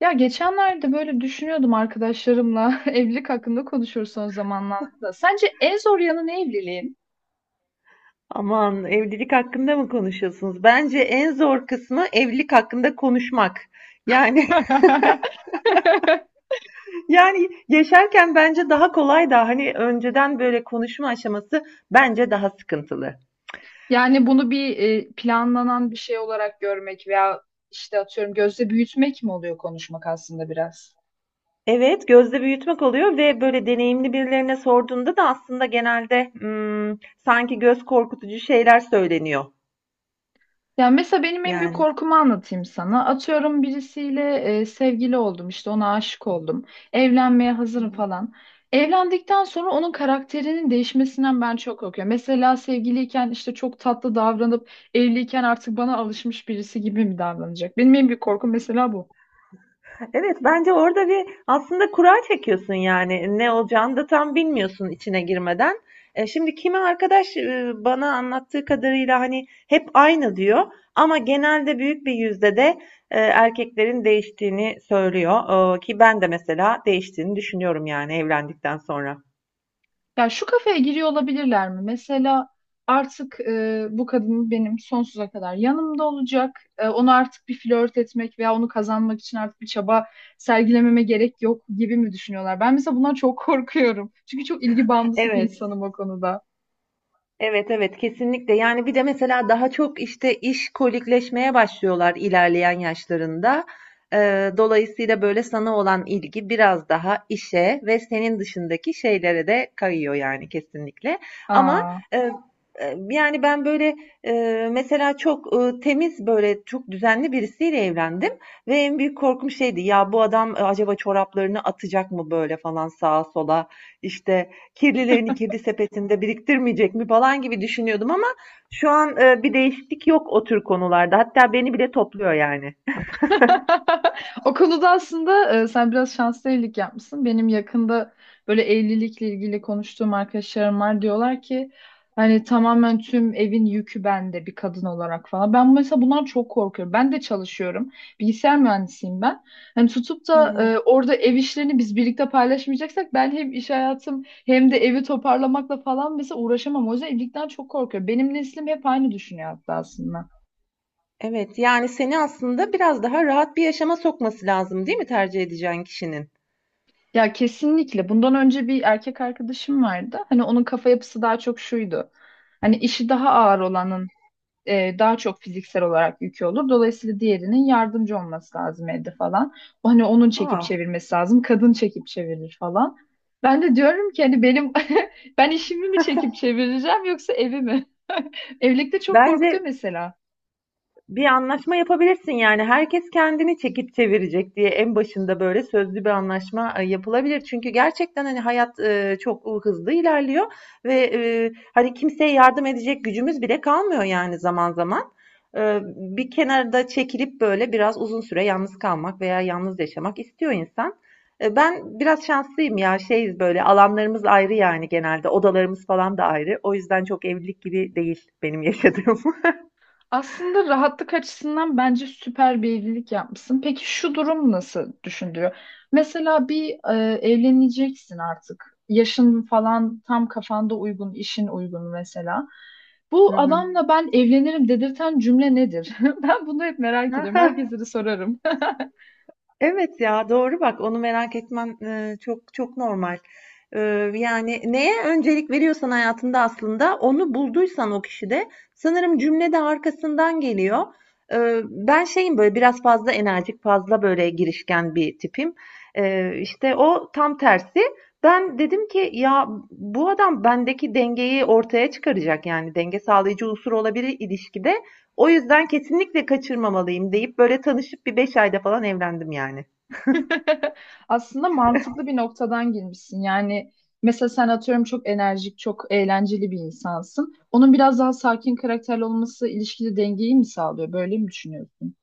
Ya geçenlerde böyle düşünüyordum arkadaşlarımla evlilik hakkında konuşuyoruz son zamanlarda. Sence en zor yanı ne evliliğin? Aman, evlilik hakkında mı konuşuyorsunuz? Bence en zor kısmı evlilik hakkında konuşmak. Yani. Yani yaşarken bence daha kolay da, hani önceden böyle konuşma aşaması bence daha sıkıntılı. Yani bunu bir planlanan bir şey olarak görmek veya işte atıyorum gözde büyütmek mi oluyor konuşmak aslında biraz? Evet, gözde büyütmek oluyor ve böyle deneyimli birilerine sorduğunda da aslında genelde sanki göz korkutucu şeyler söyleniyor. Ya mesela benim en büyük Yani. korkumu anlatayım sana. Atıyorum birisiyle sevgili oldum işte ona aşık oldum. Evlenmeye hazırım falan. Evlendikten sonra onun karakterinin değişmesinden ben çok korkuyorum. Mesela sevgiliyken işte çok tatlı davranıp evliyken artık bana alışmış birisi gibi mi davranacak? Benim en büyük korkum mesela bu. Evet, bence orada bir aslında kura çekiyorsun, yani ne olacağını da tam bilmiyorsun içine girmeden. Şimdi kimi arkadaş bana anlattığı kadarıyla hani hep aynı diyor, ama genelde büyük bir yüzde de erkeklerin değiştiğini söylüyor. Ki ben de mesela değiştiğini düşünüyorum, yani evlendikten sonra. Ya şu kafeye giriyor olabilirler mi? Mesela artık bu kadın benim sonsuza kadar yanımda olacak. Onu artık bir flört etmek veya onu kazanmak için artık bir çaba sergilememe gerek yok gibi mi düşünüyorlar? Ben mesela bundan çok korkuyorum. Çünkü çok ilgi bağımlısı bir Evet. insanım o konuda. Evet, evet, kesinlikle. Yani bir de mesela daha çok işte iş kolikleşmeye başlıyorlar ilerleyen yaşlarında. Dolayısıyla böyle sana olan ilgi biraz daha işe ve senin dışındaki şeylere de kayıyor yani, kesinlikle. Ama Aa. e, yani ben böyle, e, mesela çok temiz, böyle çok düzenli birisiyle evlendim ve en büyük korkum şeydi ya, bu adam acaba çoraplarını atacak mı böyle falan sağa sola, işte kirlilerini kirli sepetinde biriktirmeyecek mi falan gibi düşünüyordum, ama şu an bir değişiklik yok o tür konularda. Hatta beni bile topluyor yani. O konuda aslında sen biraz şanslı evlilik yapmışsın. Benim yakında böyle evlilikle ilgili konuştuğum arkadaşlarım var. Diyorlar ki hani tamamen tüm evin yükü bende bir kadın olarak falan. Ben mesela bundan çok korkuyorum. Ben de çalışıyorum. Bilgisayar mühendisiyim ben. Hani tutup Hı da hı. Orada ev işlerini biz birlikte paylaşmayacaksak ben hem iş hayatım hem de evi toparlamakla falan mesela uğraşamam. O yüzden evlilikten çok korkuyorum. Benim neslim hep aynı düşünüyor hatta aslında. Evet, yani seni aslında biraz daha rahat bir yaşama sokması lazım, değil mi, tercih edeceğin kişinin? Ya kesinlikle. Bundan önce bir erkek arkadaşım vardı. Hani onun kafa yapısı daha çok şuydu. Hani işi daha ağır olanın daha çok fiziksel olarak yükü olur. Dolayısıyla diğerinin yardımcı olması lazım evde falan. O, hani onun çekip Ah, çevirmesi lazım. Kadın çekip çevirir falan. Ben de diyorum ki hani benim ben işimi mi çekip çevireceğim yoksa evi mi? Evlilikte çok bence korkutuyor mesela. bir anlaşma yapabilirsin, yani herkes kendini çekip çevirecek diye en başında böyle sözlü bir anlaşma yapılabilir. Çünkü gerçekten hani hayat çok hızlı ilerliyor ve hani kimseye yardım edecek gücümüz bile kalmıyor yani, zaman zaman. E, Bir kenarda çekilip böyle biraz uzun süre yalnız kalmak veya yalnız yaşamak istiyor insan. Ben biraz şanslıyım ya, şeyiz, böyle alanlarımız ayrı, yani genelde odalarımız falan da ayrı. O yüzden çok evlilik gibi değil benim yaşadığım. Aslında rahatlık açısından bence süper bir evlilik yapmışsın. Peki şu durum nasıl düşündürüyor? Mesela bir evleneceksin artık. Yaşın falan tam kafanda uygun, işin uygun mesela. Hı Bu hı. adamla ben evlenirim dedirten cümle nedir? Ben bunu hep merak ediyorum. Herkese de sorarım. Evet ya, doğru, bak, onu merak etmen çok çok normal. E, Yani neye öncelik veriyorsan hayatında, aslında onu bulduysan o kişide, sanırım cümle de arkasından geliyor. E, Ben şeyim böyle, biraz fazla enerjik, fazla böyle girişken bir tipim. İşte o tam tersi. Ben dedim ki ya, bu adam bendeki dengeyi ortaya çıkaracak, yani denge sağlayıcı unsur olabilir ilişkide. O yüzden kesinlikle kaçırmamalıyım deyip böyle tanışıp bir 5 ayda falan evlendim yani. Aslında mantıklı bir noktadan girmişsin. Yani mesela sen atıyorum çok enerjik, çok eğlenceli bir insansın. Onun biraz daha sakin karakterli olması ilişkide dengeyi mi sağlıyor? Böyle mi düşünüyorsun?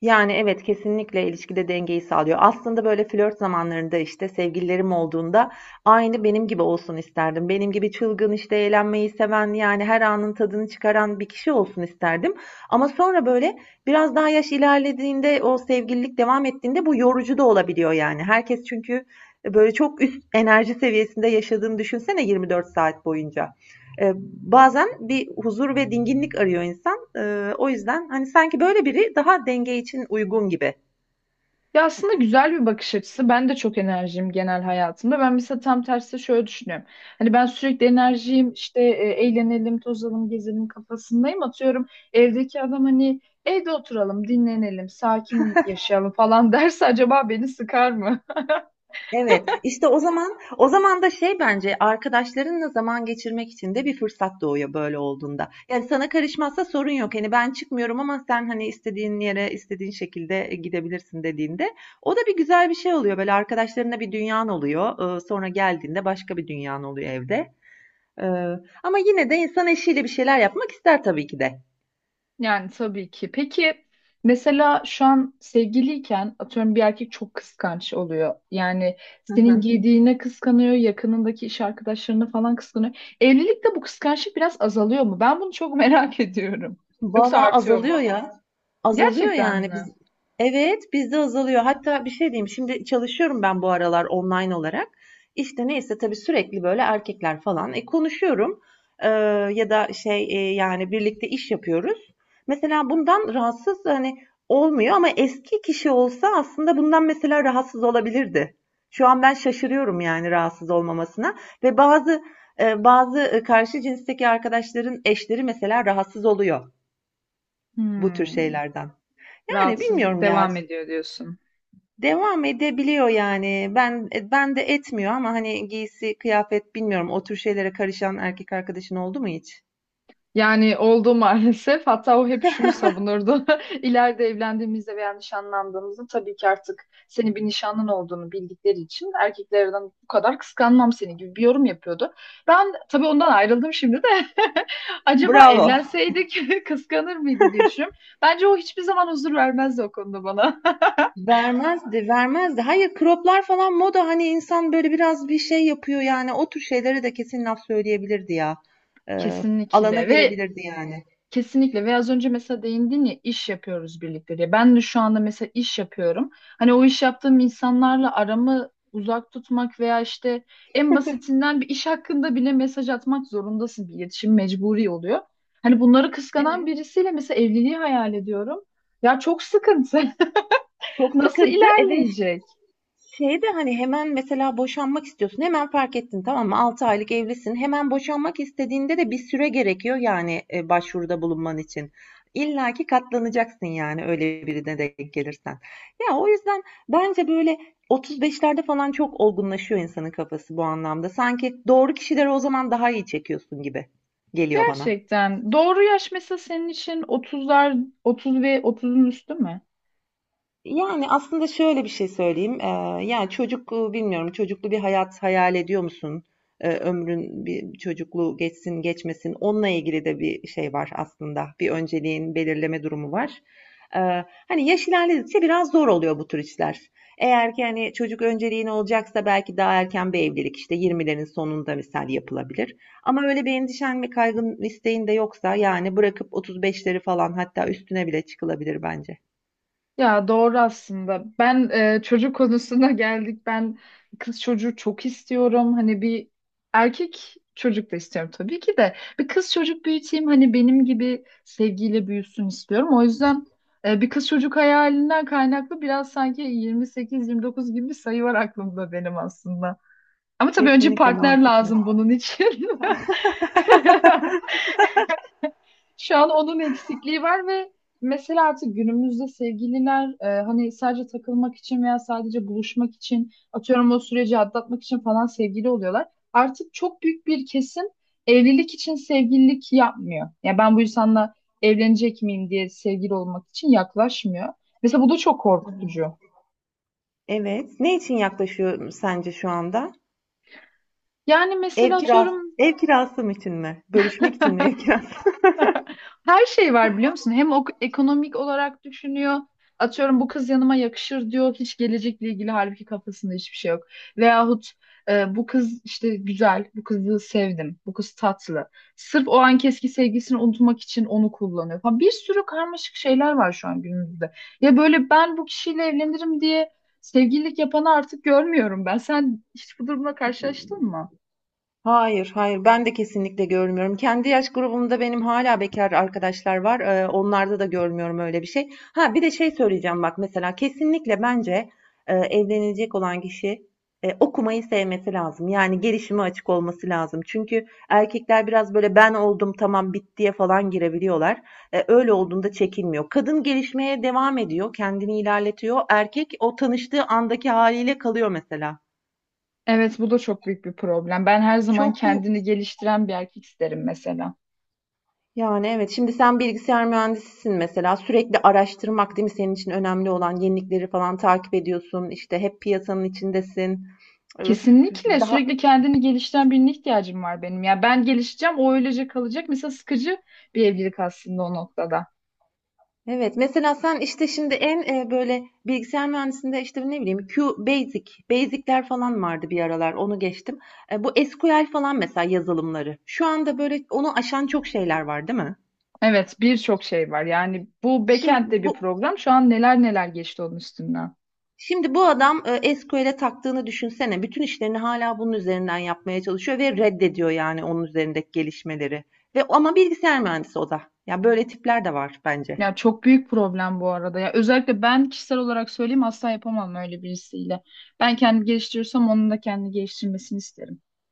Yani, evet, kesinlikle ilişkide dengeyi sağlıyor. Aslında böyle flört zamanlarında, işte sevgililerim olduğunda aynı benim gibi olsun isterdim. Benim gibi çılgın, işte eğlenmeyi seven, yani her anın tadını çıkaran bir kişi olsun isterdim. Ama sonra böyle biraz daha yaş ilerlediğinde, o sevgililik devam ettiğinde bu yorucu da olabiliyor yani. Herkes çünkü böyle çok üst enerji seviyesinde yaşadığını düşünsene 24 saat boyunca. E, Bazen bir huzur ve dinginlik arıyor insan. O yüzden hani sanki böyle biri daha denge için uygun gibi. Ya aslında güzel bir bakış açısı. Ben de çok enerjiyim genel hayatımda. Ben mesela tam tersi şöyle düşünüyorum. Hani ben sürekli enerjiyim, işte eğlenelim, tozalım, gezelim kafasındayım. Atıyorum evdeki adam hani evde oturalım, dinlenelim, sakin yaşayalım falan derse acaba beni sıkar mı? Evet, işte o zaman da şey, bence arkadaşlarınla zaman geçirmek için de bir fırsat doğuyor böyle olduğunda. Yani sana karışmazsa sorun yok. Hani ben çıkmıyorum ama sen hani istediğin yere istediğin şekilde gidebilirsin dediğinde, o da bir güzel bir şey oluyor. Böyle arkadaşlarına bir dünyan oluyor. Sonra geldiğinde başka bir dünyan oluyor evde. Ee, Ama yine de insan eşiyle bir şeyler yapmak ister, tabii ki de. Yani tabii ki. Peki mesela şu an sevgiliyken atıyorum bir erkek çok kıskanç oluyor. Yani Hı senin hı. giydiğine kıskanıyor, yakınındaki iş arkadaşlarını falan kıskanıyor. Evlilikte bu kıskançlık biraz azalıyor mu? Ben bunu çok merak ediyorum. Yoksa Vallahi artıyor azalıyor mu? ya. Azalıyor Gerçekten yani. Mi? Evet, bizde azalıyor. Hatta bir şey diyeyim. Şimdi çalışıyorum ben bu aralar online olarak. İşte neyse, tabii sürekli böyle erkekler falan. Konuşuyorum. Ee, Ya da şey, yani birlikte iş yapıyoruz. Mesela bundan rahatsız hani olmuyor, ama eski kişi olsa aslında bundan mesela rahatsız olabilirdi. Şu an ben şaşırıyorum yani rahatsız olmamasına, ve bazı karşı cinsteki arkadaşların eşleri mesela rahatsız oluyor bu tür Hmm. şeylerden. Yani Rahatsızlık bilmiyorum ya. devam ediyor diyorsun. Devam edebiliyor yani. Ben de etmiyor, ama hani giysi, kıyafet, bilmiyorum, o tür şeylere karışan erkek arkadaşın oldu mu hiç? Yani oldu maalesef. Hatta o hep şunu savunurdu. İleride evlendiğimizde veya nişanlandığımızda tabii ki artık senin bir nişanlın olduğunu bildikleri için erkeklerden bu kadar kıskanmam seni gibi bir yorum yapıyordu. Ben tabii ondan ayrıldım şimdi de. Acaba Bravo. evlenseydik kıskanır mıydı diye düşünüyorum. Bence o hiçbir zaman huzur vermezdi o konuda bana. Vermezdi, vermezdi. Hayır, croplar falan moda, hani insan böyle biraz bir şey yapıyor yani, o tür şeylere de kesin laf söyleyebilirdi ya. Ee, Alana Kesinlikle ve girebilirdi yani. Kesinlikle ve az önce mesela değindin ya iş yapıyoruz birlikte diye. Ben de şu anda mesela iş yapıyorum. Hani o iş yaptığım insanlarla aramı uzak tutmak veya işte en basitinden bir iş hakkında bile mesaj atmak zorundasın. Bir iletişim mecburi oluyor. Hani bunları kıskanan Evet. birisiyle mesela evliliği hayal ediyorum. Ya çok sıkıntı. Çok Nasıl sıkıntı. Evet. ilerleyecek? Şeyde hani hemen mesela boşanmak istiyorsun. Hemen fark ettin, tamam mı? 6 aylık evlisin. Hemen boşanmak istediğinde de bir süre gerekiyor yani başvuruda bulunman için. İlla ki katlanacaksın yani, öyle birine de gelirsen. Ya o yüzden bence böyle 35'lerde falan çok olgunlaşıyor insanın kafası bu anlamda. Sanki doğru kişileri o zaman daha iyi çekiyorsun gibi geliyor bana. Gerçekten. Doğru yaş mesela senin için otuzlar, 30 ve otuzun üstü mü? Yani aslında şöyle bir şey söyleyeyim, yani çocuk, bilmiyorum, çocuklu bir hayat hayal ediyor musun? Ömrün bir çocukluğu geçsin geçmesin, onunla ilgili de bir şey var aslında. Bir önceliğin belirleme durumu var. Hani yaş ilerledikçe biraz zor oluyor bu tür işler. Eğer ki hani çocuk önceliğin olacaksa belki daha erken bir evlilik, işte 20'lerin sonunda misal, yapılabilir. Ama öyle bir endişen ve kaygın, isteğin de yoksa, yani bırakıp 35'leri falan, hatta üstüne bile çıkılabilir bence. Ya doğru aslında. Ben çocuk konusuna geldik. Ben kız çocuğu çok istiyorum. Hani bir erkek çocuk da istiyorum tabii ki de. Bir kız çocuk büyüteyim. Hani benim gibi sevgiyle büyüsün istiyorum. O yüzden bir kız çocuk hayalinden kaynaklı biraz sanki 28-29 gibi bir sayı var aklımda benim aslında. Ama tabii önce Kesinlikle partner mantıklı. lazım bunun için. Şu an onun eksikliği var ve mesela artık günümüzde sevgililer hani sadece takılmak için veya sadece buluşmak için atıyorum o süreci atlatmak için falan sevgili oluyorlar. Artık çok büyük bir kesim evlilik için sevgililik yapmıyor. Yani ben bu insanla evlenecek miyim diye sevgili olmak için yaklaşmıyor. Mesela bu da çok korkutucu. Evet. Ne için yaklaşıyor sence şu anda? Yani Ev mesela kirası, atıyorum ev kirası mı için mi? Bölüşmek için mi, ev kirası? Her şey var biliyor musun? Hem ekonomik olarak düşünüyor. Atıyorum bu kız yanıma yakışır diyor. Hiç gelecekle ilgili halbuki kafasında hiçbir şey yok. Veyahut bu kız işte güzel, bu kızı sevdim, bu kız tatlı. Sırf o anki eski sevgisini unutmak için onu kullanıyor falan. Bir sürü karmaşık şeyler var şu an günümüzde. Ya böyle ben bu kişiyle evlenirim diye sevgililik yapanı artık görmüyorum ben. Sen hiç bu durumla karşılaştın mı? Hayır, hayır. Ben de kesinlikle görmüyorum. Kendi yaş grubumda benim hala bekar arkadaşlar var. Onlarda da görmüyorum öyle bir şey. Ha, bir de şey söyleyeceğim bak, mesela kesinlikle bence, evlenecek olan kişi, okumayı sevmesi lazım. Yani gelişime açık olması lazım. Çünkü erkekler biraz böyle ben oldum, tamam, bittiye falan girebiliyorlar. Öyle olduğunda çekinmiyor. Kadın gelişmeye devam ediyor, kendini ilerletiyor. Erkek o tanıştığı andaki haliyle kalıyor mesela. Evet, bu da çok büyük bir problem. Ben her zaman Çok kendini geliştiren bir erkek isterim mesela. Yani, evet. Şimdi sen bilgisayar mühendisisin mesela. Sürekli araştırmak, değil mi, senin için önemli olan? Yenilikleri falan takip ediyorsun. İşte hep piyasanın içindesin. Öf, Kesinlikle daha sürekli kendini geliştiren birine ihtiyacım var benim. Ya ben gelişeceğim, o öylece kalacak. Mesela sıkıcı bir evlilik aslında o noktada. evet. Mesela sen işte şimdi böyle bilgisayar mühendisinde işte, ne bileyim, Q Basic, Basic'ler falan vardı bir aralar. Onu geçtim. Bu SQL falan mesela yazılımları. Şu anda böyle onu aşan çok şeyler var, değil mi? Evet, birçok şey var. Yani bu Şimdi backend'de bir bu program. Şu an neler neler geçti onun üstünden. Şimdi bu adam SQL'e taktığını düşünsene. Bütün işlerini hala bunun üzerinden yapmaya çalışıyor ve reddediyor, yani onun üzerindeki gelişmeleri. Ve ama bilgisayar mühendisi o da. Ya böyle tipler de var bence. Ya çok büyük problem bu arada. Ya özellikle ben kişisel olarak söyleyeyim asla yapamam öyle birisiyle. Ben kendimi geliştiriyorsam onun da kendini geliştirmesini isterim.